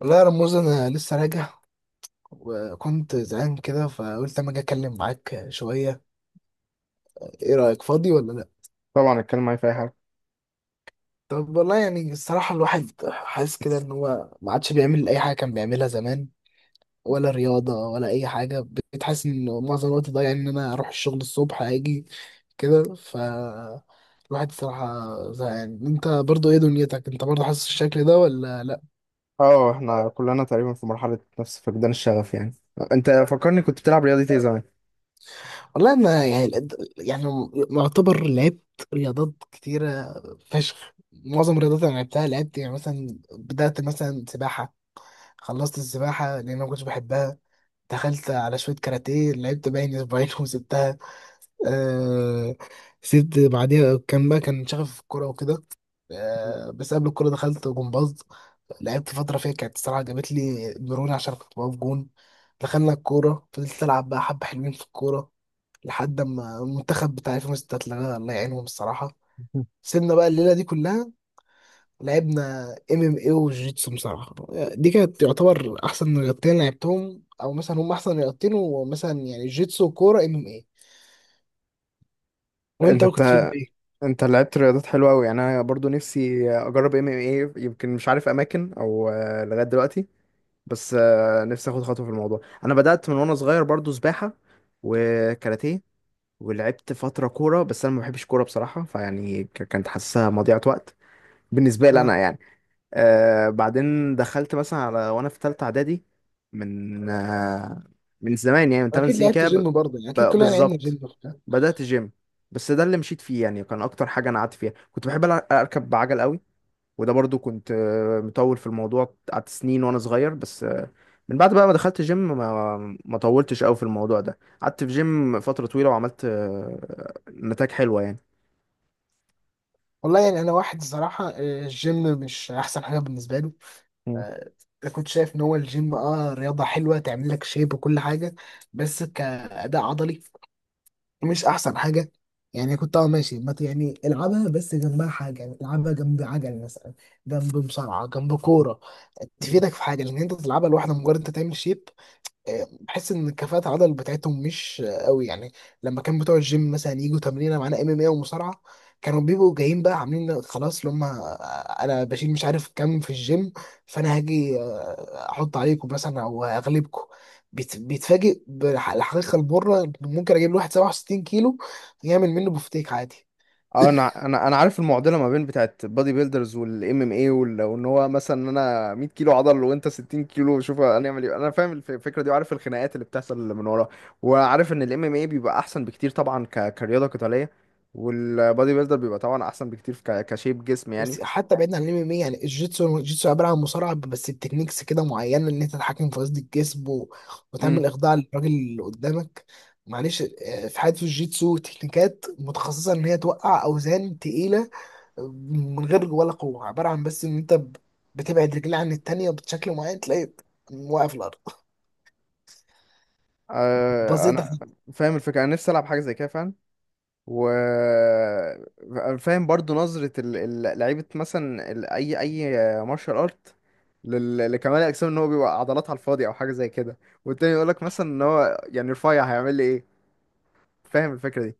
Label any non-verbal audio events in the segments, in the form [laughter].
والله يا رموز انا لسه راجع وكنت زهقان كده فقلت اما اجي اتكلم معاك شويه. ايه رايك؟ فاضي ولا لا؟ طبعا اتكلم معايا في اي حاجه. طب والله يعني الصراحه الواحد حاسس كده ان هو ما عادش بيعمل اي حاجه كان بيعملها زمان، ولا رياضه ولا اي حاجه. بقيت حاسس ان معظم الوقت ضايع، ان انا اروح الشغل الصبح اجي كده. الواحد الصراحه زهقان. انت برضو ايه دنيتك؟ انت برضو حاسس الشكل ده ولا لا؟ اه، احنا كلنا تقريبا في مرحله نفس فقدان الشغف يعني. انت فكرني، كنت بتلعب رياضه ايه زمان؟ والله انا يعني معتبر لعبت رياضات كتيره فشخ. معظم الرياضات اللي لعبتها لعبت يعني مثلا، بدأت مثلا سباحه، خلصت السباحه لان انا ما كنتش بحبها. دخلت على شويه كاراتيه، لعبت باين اسبوعين [laughs] وسبتها. آه، سبت بعديها كان بقى كان شغف في الكوره وكده. آه بس قبل الكوره دخلت جمباز، لعبت فتره فيها كانت الصراحه جابت لي مرونه عشان كنت بقف جون. دخلنا الكوره، فضلت العب بقى حبه حلوين في الكوره لحد ما المنتخب بتاع 2006 اتلغى، الله يعينهم الصراحه. [laughs] سيبنا بقى الليله دي كلها. لعبنا ام ام اي وجيتسو بصراحه. دي كانت تعتبر احسن رياضتين لعبتهم، او مثلا هم احسن رياضتين، ومثلا يعني جيتسو وكوره ام ام اي. انت وانت بقى انت كنت تلعب ايه؟ انت لعبت رياضات حلوه قوي يعني، انا برضو نفسي اجرب ام ام ايه، يمكن مش عارف اماكن او لغايه دلوقتي. بس نفسي اخد خطوه في الموضوع. انا بدات من وانا صغير برضو سباحه وكاراتيه، ولعبت فتره كوره بس انا ما بحبش كوره بصراحه، فيعني كانت حاسسها مضيعه وقت بالنسبه لي ها، انا يعني. آه، بعدين دخلت مثلا على وانا في تالتة اعدادي، من من زمان يعني من 8 اكيد سنين لعبت كده. جيم برضه يعني. اكيد كلنا لعبنا بالظبط، جيم وبتاع. بدأت جيم. بس ده اللي مشيت فيه يعني، كان اكتر حاجة انا قعدت فيها. كنت بحب اركب عجل قوي، وده برضو كنت مطول في الموضوع، قعدت سنين وانا صغير. بس آه، من بعد بقى ما دخلت جيم ما طولتش قوي في الموضوع ده، قعدت في جيم فترة طويلة وعملت نتائج حلوة يعني. والله يعني انا واحد الصراحه آه، الجيم مش احسن حاجه بالنسبه له. مم. آه، انا كنت شايف ان هو الجيم اه رياضه حلوه تعمل لك شيب وكل حاجه، بس كاداء عضلي مش احسن حاجه. يعني كنت اه ماشي ما ت- يعني العبها بس جنبها حاجه. يعني العبها جنب عجل مثلا، جنب مصارعه، جنب كوره، تفيدك في حاجه. لان انت تلعبها لوحدها مجرد انت تعمل شيب، بحس ان كفاءة العضل بتاعتهم مش قوي يعني. لما كان بتوع الجيم مثلا يجوا تمرينه معانا ام ام اي ومصارعه، كانوا بيبقوا جايين بقى عاملين خلاص اللي هم آه، انا بشيل مش عارف كام في الجيم، فانا هاجي آه، احط عليكم مثلا او اغلبكم. بيتفاجئ بالحقيقه المره. ممكن اجيب له واحد 67 كيلو يعمل منه بفتيك عادي. اه، انا عارف المعضله ما بين بتاعت بادي بيلدرز والام ام اي، وان هو مثلا ان انا 100 كيلو عضل وانت 60 كيلو، شوف هنعمل ايه. انا فاهم الفكره دي، وعارف الخناقات اللي بتحصل اللي من ورا، وعارف ان الام ام اي بيبقى احسن بكتير طبعا كرياضه قتاليه، والبادي بيلدر بيبقى طبعا احسن بكتير كشيب جسم يعني. بس حتى بعيدا عن الام ام اي، يعني الجيتسو، الجيتسو عباره عن مصارعه بس بتكنيكس كده معينه، ان انت تتحكم في وزن الجسم و... امم. وتعمل اخضاع للراجل اللي قدامك. معلش آه، في حاجات في الجيتسو تكنيكات متخصصه ان هي توقع اوزان تقيله آه، من غير ولا قوه. عباره عن بس ان انت بتبعد رجلي عن التانيه بشكل معين، تلاقي واقف الارض. آه، بسيطه. انا فاهم الفكره، انا نفسي العب حاجه زي كده فعلا، و فاهم برضو نظرة لعيبة مثلا أي أي مارشال أرت لكمال الأجسام، إن هو بيبقى عضلات على الفاضي أو حاجة زي كده، والتاني يقولك مثلا إن هو يعني رفيع هيعمل لي إيه. فاهم الفكرة دي.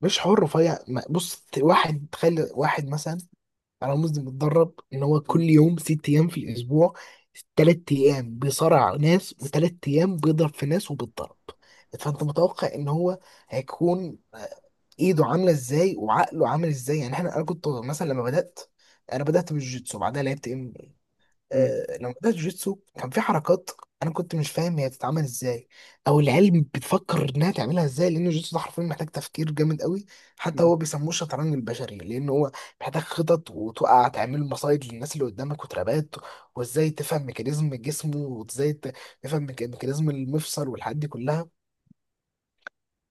مش حر رفيع بص، واحد تخيل واحد مثلا انا رمزي، متدرب ان هو كل مم. يوم ست ايام في الاسبوع، تلات ايام بيصارع ناس وتلات ايام بيضرب في ناس وبيتضرب. فانت متوقع ان هو هيكون ايده عامله ازاي وعقله عامل ازاي؟ يعني احنا انا كنت مثلا لما بدات، انا بدات بالجيتسو بعدها لعبت ام إيه. مم. آه، لما بدأت جوجيتسو كان في حركات انا كنت مش فاهم هي بتتعمل ازاي او العيال بتفكر انها تعملها ازاي، لان الجوجيتسو ده حرفيا محتاج تفكير جامد قوي. حتى مم. هو بيسموه الشطرنج البشري، لان هو محتاج خطط وتوقع، تعمل مصايد للناس اللي قدامك وترابات، وازاي تفهم ميكانيزم جسمه، وازاي تفهم ميكانيزم المفصل والحاجات دي كلها.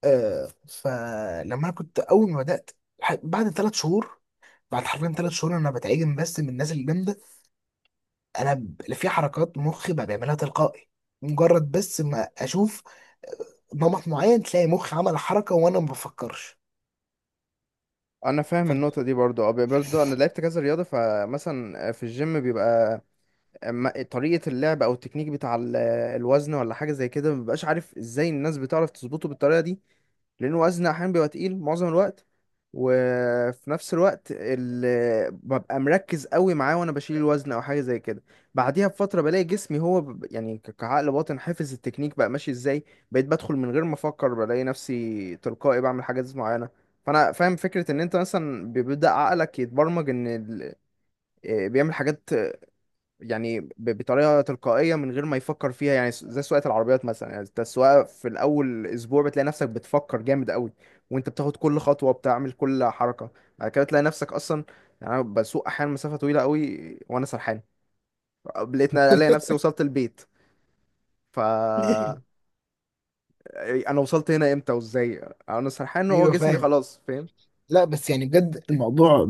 آه، فلما انا كنت اول ما بدأت، بعد ثلاث شهور، بعد حرفيا ثلاث شهور انا بتعجن بس من الناس الجامده. في حركات مخي بقى بيعملها تلقائي، مجرد بس ما اشوف نمط معين تلاقي مخي عمل حركه وانا ما بفكرش. أنا فاهم فاهم؟ النقطة دي برضو. أه، برضو أنا لعبت كذا رياضة، فمثلا في الجيم بيبقى أما طريقة اللعب أو التكنيك بتاع الوزن ولا حاجة زي كده مبقاش عارف إزاي الناس بتعرف تظبطه بالطريقة دي، لأن وزن أحيانا بيبقى تقيل معظم الوقت، وفي نفس الوقت ببقى مركز قوي معاه وأنا بشيل الوزن أو حاجة زي كده. بعديها بفترة بلاقي جسمي هو يعني كعقل باطن حافظ التكنيك بقى ماشي إزاي. بقيت بدخل من غير ما أفكر، بلاقي نفسي تلقائي بعمل حاجات معينة. فأنا فاهم فكرة إن أنت مثلا بيبدأ عقلك يتبرمج إن بيعمل حاجات يعني بطريقه تلقائيه من غير ما يفكر فيها. يعني زي سواقه العربيات مثلا، يعني انت السواقه في الاول اسبوع بتلاقي نفسك بتفكر جامد قوي، وانت بتاخد كل خطوه، بتعمل كل حركه. بعد كده تلاقي نفسك اصلا، يعني انا بسوق احيانا مسافه طويله قوي وانا سرحان، لقيت الاقي نفسي وصلت البيت. ف [laughs] انا وصلت هنا امتى وازاي، انا سرحان وهو ايوه جسمي فاهم. خلاص فاهم. لا بس يعني بجد الموضوع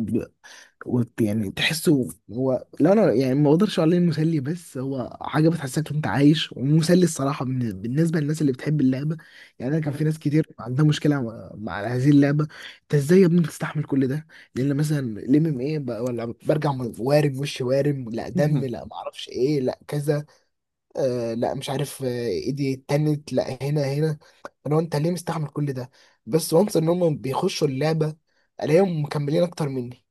يعني تحسه. هو لا انا يعني ما اقدرش اقول عليه مسلي، بس هو حاجه بتحسسك إن انت عايش، ومسلي الصراحه بالنسبه للناس اللي بتحب اللعبه. يعني انا كان في ناس كتير عندها مشكله مع مع هذه اللعبه. انت ازاي يا ابني بتستحمل كل ده؟ لان مثلا الام ام ايه، ولا برجع وارم وش، وارم، لا دم، [laughs] لا ما اعرفش ايه، لا كذا. آه لا مش عارف آه ايدي اتنت، لا هنا هنا. فلو انت ليه مستحمل كل ده، بس وانس ان هم بيخشوا اللعبه، الاقيهم مكملين اكتر مني.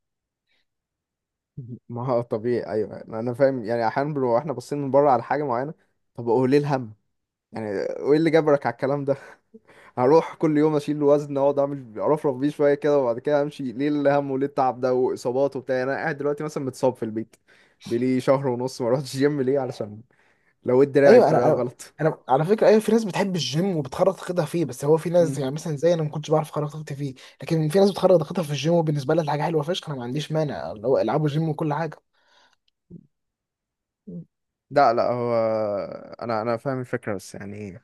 ما هو طبيعي، ايوه انا فاهم. يعني احيانا بنبقى احنا باصين من بره على حاجه معينه. طب هو ليه الهم يعني؟ وايه اللي جبرك على الكلام ده؟ هروح كل يوم اشيل وزن، اقعد اعمل ارفرف بيه شويه كده وبعد كده امشي، ليه الهم وليه التعب ده واصابات وبتاع؟ يعني انا قاعد دلوقتي مثلا متصاب في البيت، بقالي شهر ونص ما رحتش جيم. ليه؟ علشان لو دراعي ايوه، انا بطريقه انا غلط. انا على فكره ايوه، في ناس بتحب الجيم وبتخرج طاقتها فيه، بس هو في ناس مم. يعني مثلا زي انا ما كنتش بعرف اخرج طاقتي فيه. لكن في ناس بتخرج طاقتها في الجيم، وبالنسبه لها دي حاجه حلوه فشخ. انا ما عنديش مانع اللي هو العبوا جيم وكل حاجه. لا لا، هو انا فاهم الفكره بس يعني،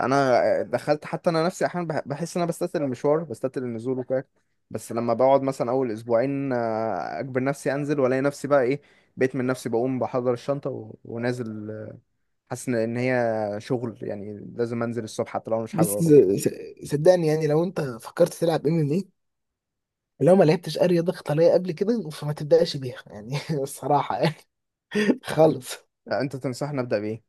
انا دخلت حتى انا نفسي احيانا بحس ان انا بستثقل المشوار، بستثقل النزول وكده. بس لما بقعد مثلا اول اسبوعين اجبر نفسي انزل، والاقي نفسي بقى ايه؟ بقيت من نفسي بقوم بحضر الشنطه ونازل. حاسس ان هي شغل يعني، لازم انزل الصبح حتى لو أنا مش بس حابب س- اروح. صدقني، يعني لو انت فكرت تلعب ام ام اي، لو ما لعبتش اي رياضه قتاليه قبل كده فما تبداش بيها يعني. [laughs] الصراحه يعني [laughs] انت خالص. أنت تنصحني ابدا بايه؟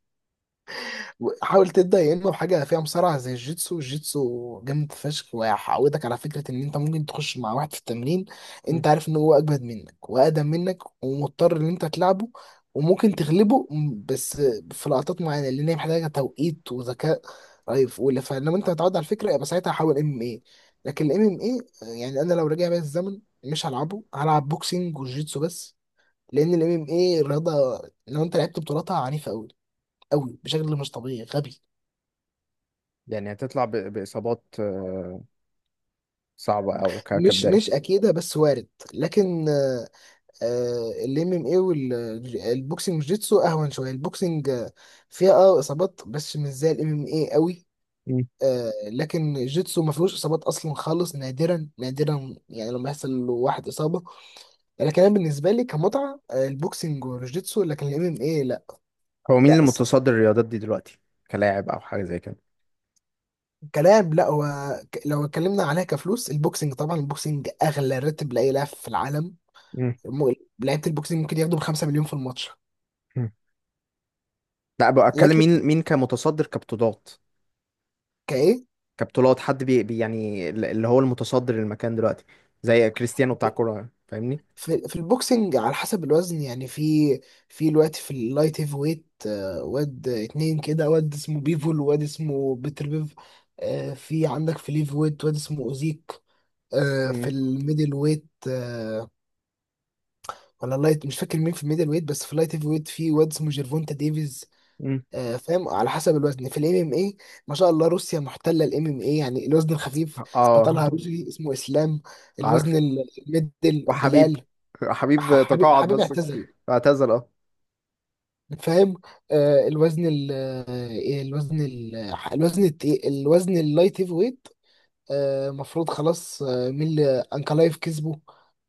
حاول تبدا يا اما بحاجه فيها مصارعه زي الجيتسو. الجيتسو جامد فشخ، وهيعودك على فكره ان انت ممكن تخش مع واحد في التمرين، مم. انت عارف ان هو اجمد منك واقدم منك، ومضطر ان انت تلعبه، وممكن تغلبه بس في لقطات معينه، لان هي محتاجه توقيت وذكاء رهيب. ولا، فلما انت هتعود على الفكره يبقى ساعتها حاول ام اي. لكن الام ام اي، يعني انا لو رجع بيا الزمن مش هلعبه، هلعب بوكسينج وجيتسو بس. لان الام ام اي رياضه لو انت لعبت بطولاتها عنيفه قوي، قوي بشكل مش طبيعي غبي. يعني هتطلع باصابات صعبه او كبدايه؟ مش اكيده بس وارد. لكن آه، آه، ال ام ام اي والبوكسنج، جيتسو اهون شويه. البوكسنج آه، فيها اه اصابات بس مش زي الام ام اي قوي. مم. آه، لكن الجيتسو ما فيهوش اصابات اصلا خالص، نادرا نادرا يعني لما يحصل له واحد اصابه. لكن انا بالنسبه لي كمتعه آه، البوكسنج والجيتسو، لكن الام ام اي لا. هو مين لا الصح المتصدر الرياضات دي دلوقتي، كلاعب او حاجه زي كده؟ كلام. لا هو لو اتكلمنا عليها كفلوس، البوكسنج طبعا، البوكسنج اغلى راتب لاي لاعب في العالم. مم. لعيبه البوكسنج ممكن ياخدوا بـ5 مليون في الماتش. مم. لا، بتكلم لكن مين كمتصدر كبطولات. كايه، كبطولات، حد يعني اللي هو المتصدر المكان دلوقتي، زي كريستيانو بتاع كوره، فاهمني؟ في البوكسنج على حسب الوزن، يعني في الوقت في اللايت هيف ويت آه، واد اتنين كده، واد اسمه بيفول وواد اسمه بيتر بيف. آه، في عندك في ليف ويت واد اسمه اوزيك. آه، في مم. الميدل ويت آه، ولا اللايت مش فاكر مين في الميدل ويت، بس في اللايت هيف ويت في واد اسمه جيرفونتا ديفيز. مم. آه، فاهم؟ على حسب الوزن. في الام ام اي ما شاء الله روسيا محتله الام ام اي. يعني الوزن الخفيف اه بطلها روسي اسمه اسلام، عارف. الوزن الميدل وحبيب. بلال، حبيب حبيب، تقاعد حبيب بس، اعتزل. اعتزل. اه. فاهم؟ آه، الوزن ال آه، الوزن ال الوزن التقيل، الوزن اللايت هيفي ويت آه مفروض خلاص آه مين اللي انكلايف كسبه،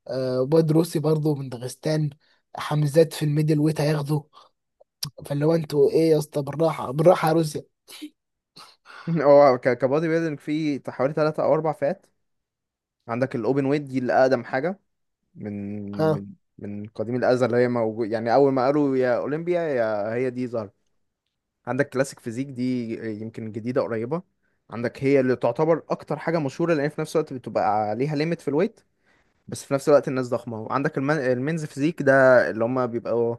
آه بودروسي برضه من داغستان. حمزات في الميدل ويت هياخده. فاللي هو انتوا ايه يا اسطى؟ بالراحه بالراحه يا روسيا. [laughs] هو كبادي بيلدينج في حوالي ثلاثة أو أربع فئات. عندك الأوبن ويت، دي اللي أقدم حاجة، من ها، من من قديم الأزل اللي هي موجود، يعني أول ما قالوا يا أولمبيا يا هي دي ظهرت. عندك كلاسيك فيزيك دي، يمكن جديدة قريبة. عندك هي اللي تعتبر أكتر حاجة مشهورة لأن في نفس الوقت بتبقى عليها ليميت في الويت، بس في نفس الوقت الناس ضخمة. وعندك المينز فيزيك ده، اللي هم بيبقوا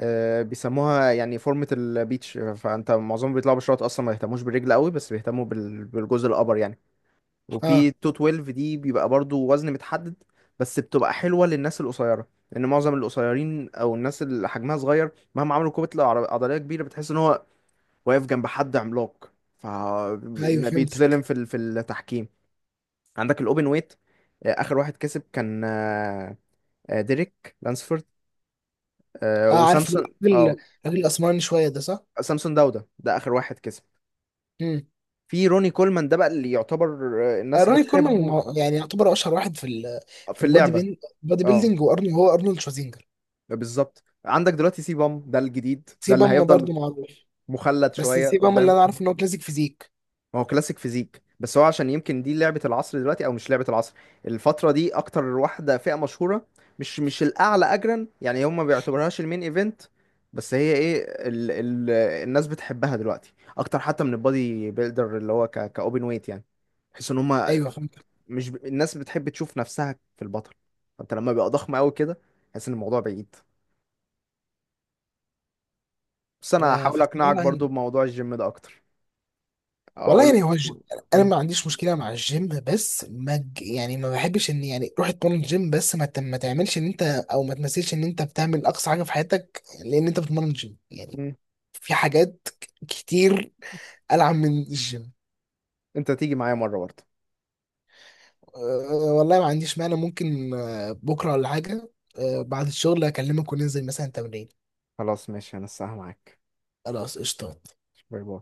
بيسموها يعني فورمة البيتش، فأنت معظمهم بيطلعوا بشوط، أصلا ما يهتموش بالرجل قوي، بس بيهتموا بالجزء الأبر يعني. وفي ها، 212، دي بيبقى برضو وزن متحدد، بس بتبقى حلوة للناس القصيرة، لأن معظم القصيرين أو الناس اللي حجمها صغير مهما عملوا كتلة عضلية كبيرة، بتحس إن هو واقف جنب حد عملاق، ف ايوه إن بيتظلم فهمتك. في في التحكيم. عندك الأوبن ويت، آه، آخر واحد كسب كان ديريك لانسفورد، آه، اه، عارف وسامسون. الراجل. اه، الراجل الاسمراني شويه ده صح؟ سامسون داودا ده آخر واحد كسب. امم، في روني كولمان ده بقى اللي يعتبر، آه، الناس راي كولمان بتحبه يعني يعتبر اشهر واحد في ال في في البادي اللعبة. بادي اه، بيلدينج، وارنولد، هو ارنولد شوازينجر. بالظبط. عندك دلوقتي سي بام ده الجديد، ده سيب اللي اما هيفضل برضه معروف، مخلد بس شويه سيب اما اللي قدام. انا عارف ان هو كلاسيك فيزيك. ما هو كلاسيك فيزيك، بس هو عشان يمكن دي لعبه العصر دلوقتي، او مش لعبه العصر، الفتره دي اكتر واحده فئه مشهوره. مش مش الاعلى اجرا، يعني هم ما بيعتبرهاش المين ايفنت، بس هي ايه، ال ال الناس بتحبها دلوقتي اكتر حتى من البادي بيلدر اللي هو كاوبن ويت يعني. تحس ان هم ايوه فهمت. مش ب... الناس بتحب تشوف نفسها في البطل، فانت لما بيبقى ضخم قوي كده تحس ان الموضوع بعيد. بس انا آه هحاول فطلع اقنعك برضو يعني. بموضوع الجيم ده اكتر، والله اقول لك. يعني هو الج... انا مم. ما عنديش مشكله مع الجيم، بس ما ج- يعني ما بحبش ان يعني روح اتمرن الجيم بس ما، ما تعملش ان انت او ما تمثلش ان انت بتعمل اقصى حاجه في حياتك لان انت بتتمرن جيم يعني. مم. في حاجات كتير العب من الجيم. انت تيجي معايا مرة برضه؟ أه، والله ما عنديش مانع، ممكن آه، بكره ولا حاجه. أه بعد الشغل اكلمك وننزل مثلا تمرين. خلاص ماشي، انا الساعة معاك. خلاص قشطه. باي باي.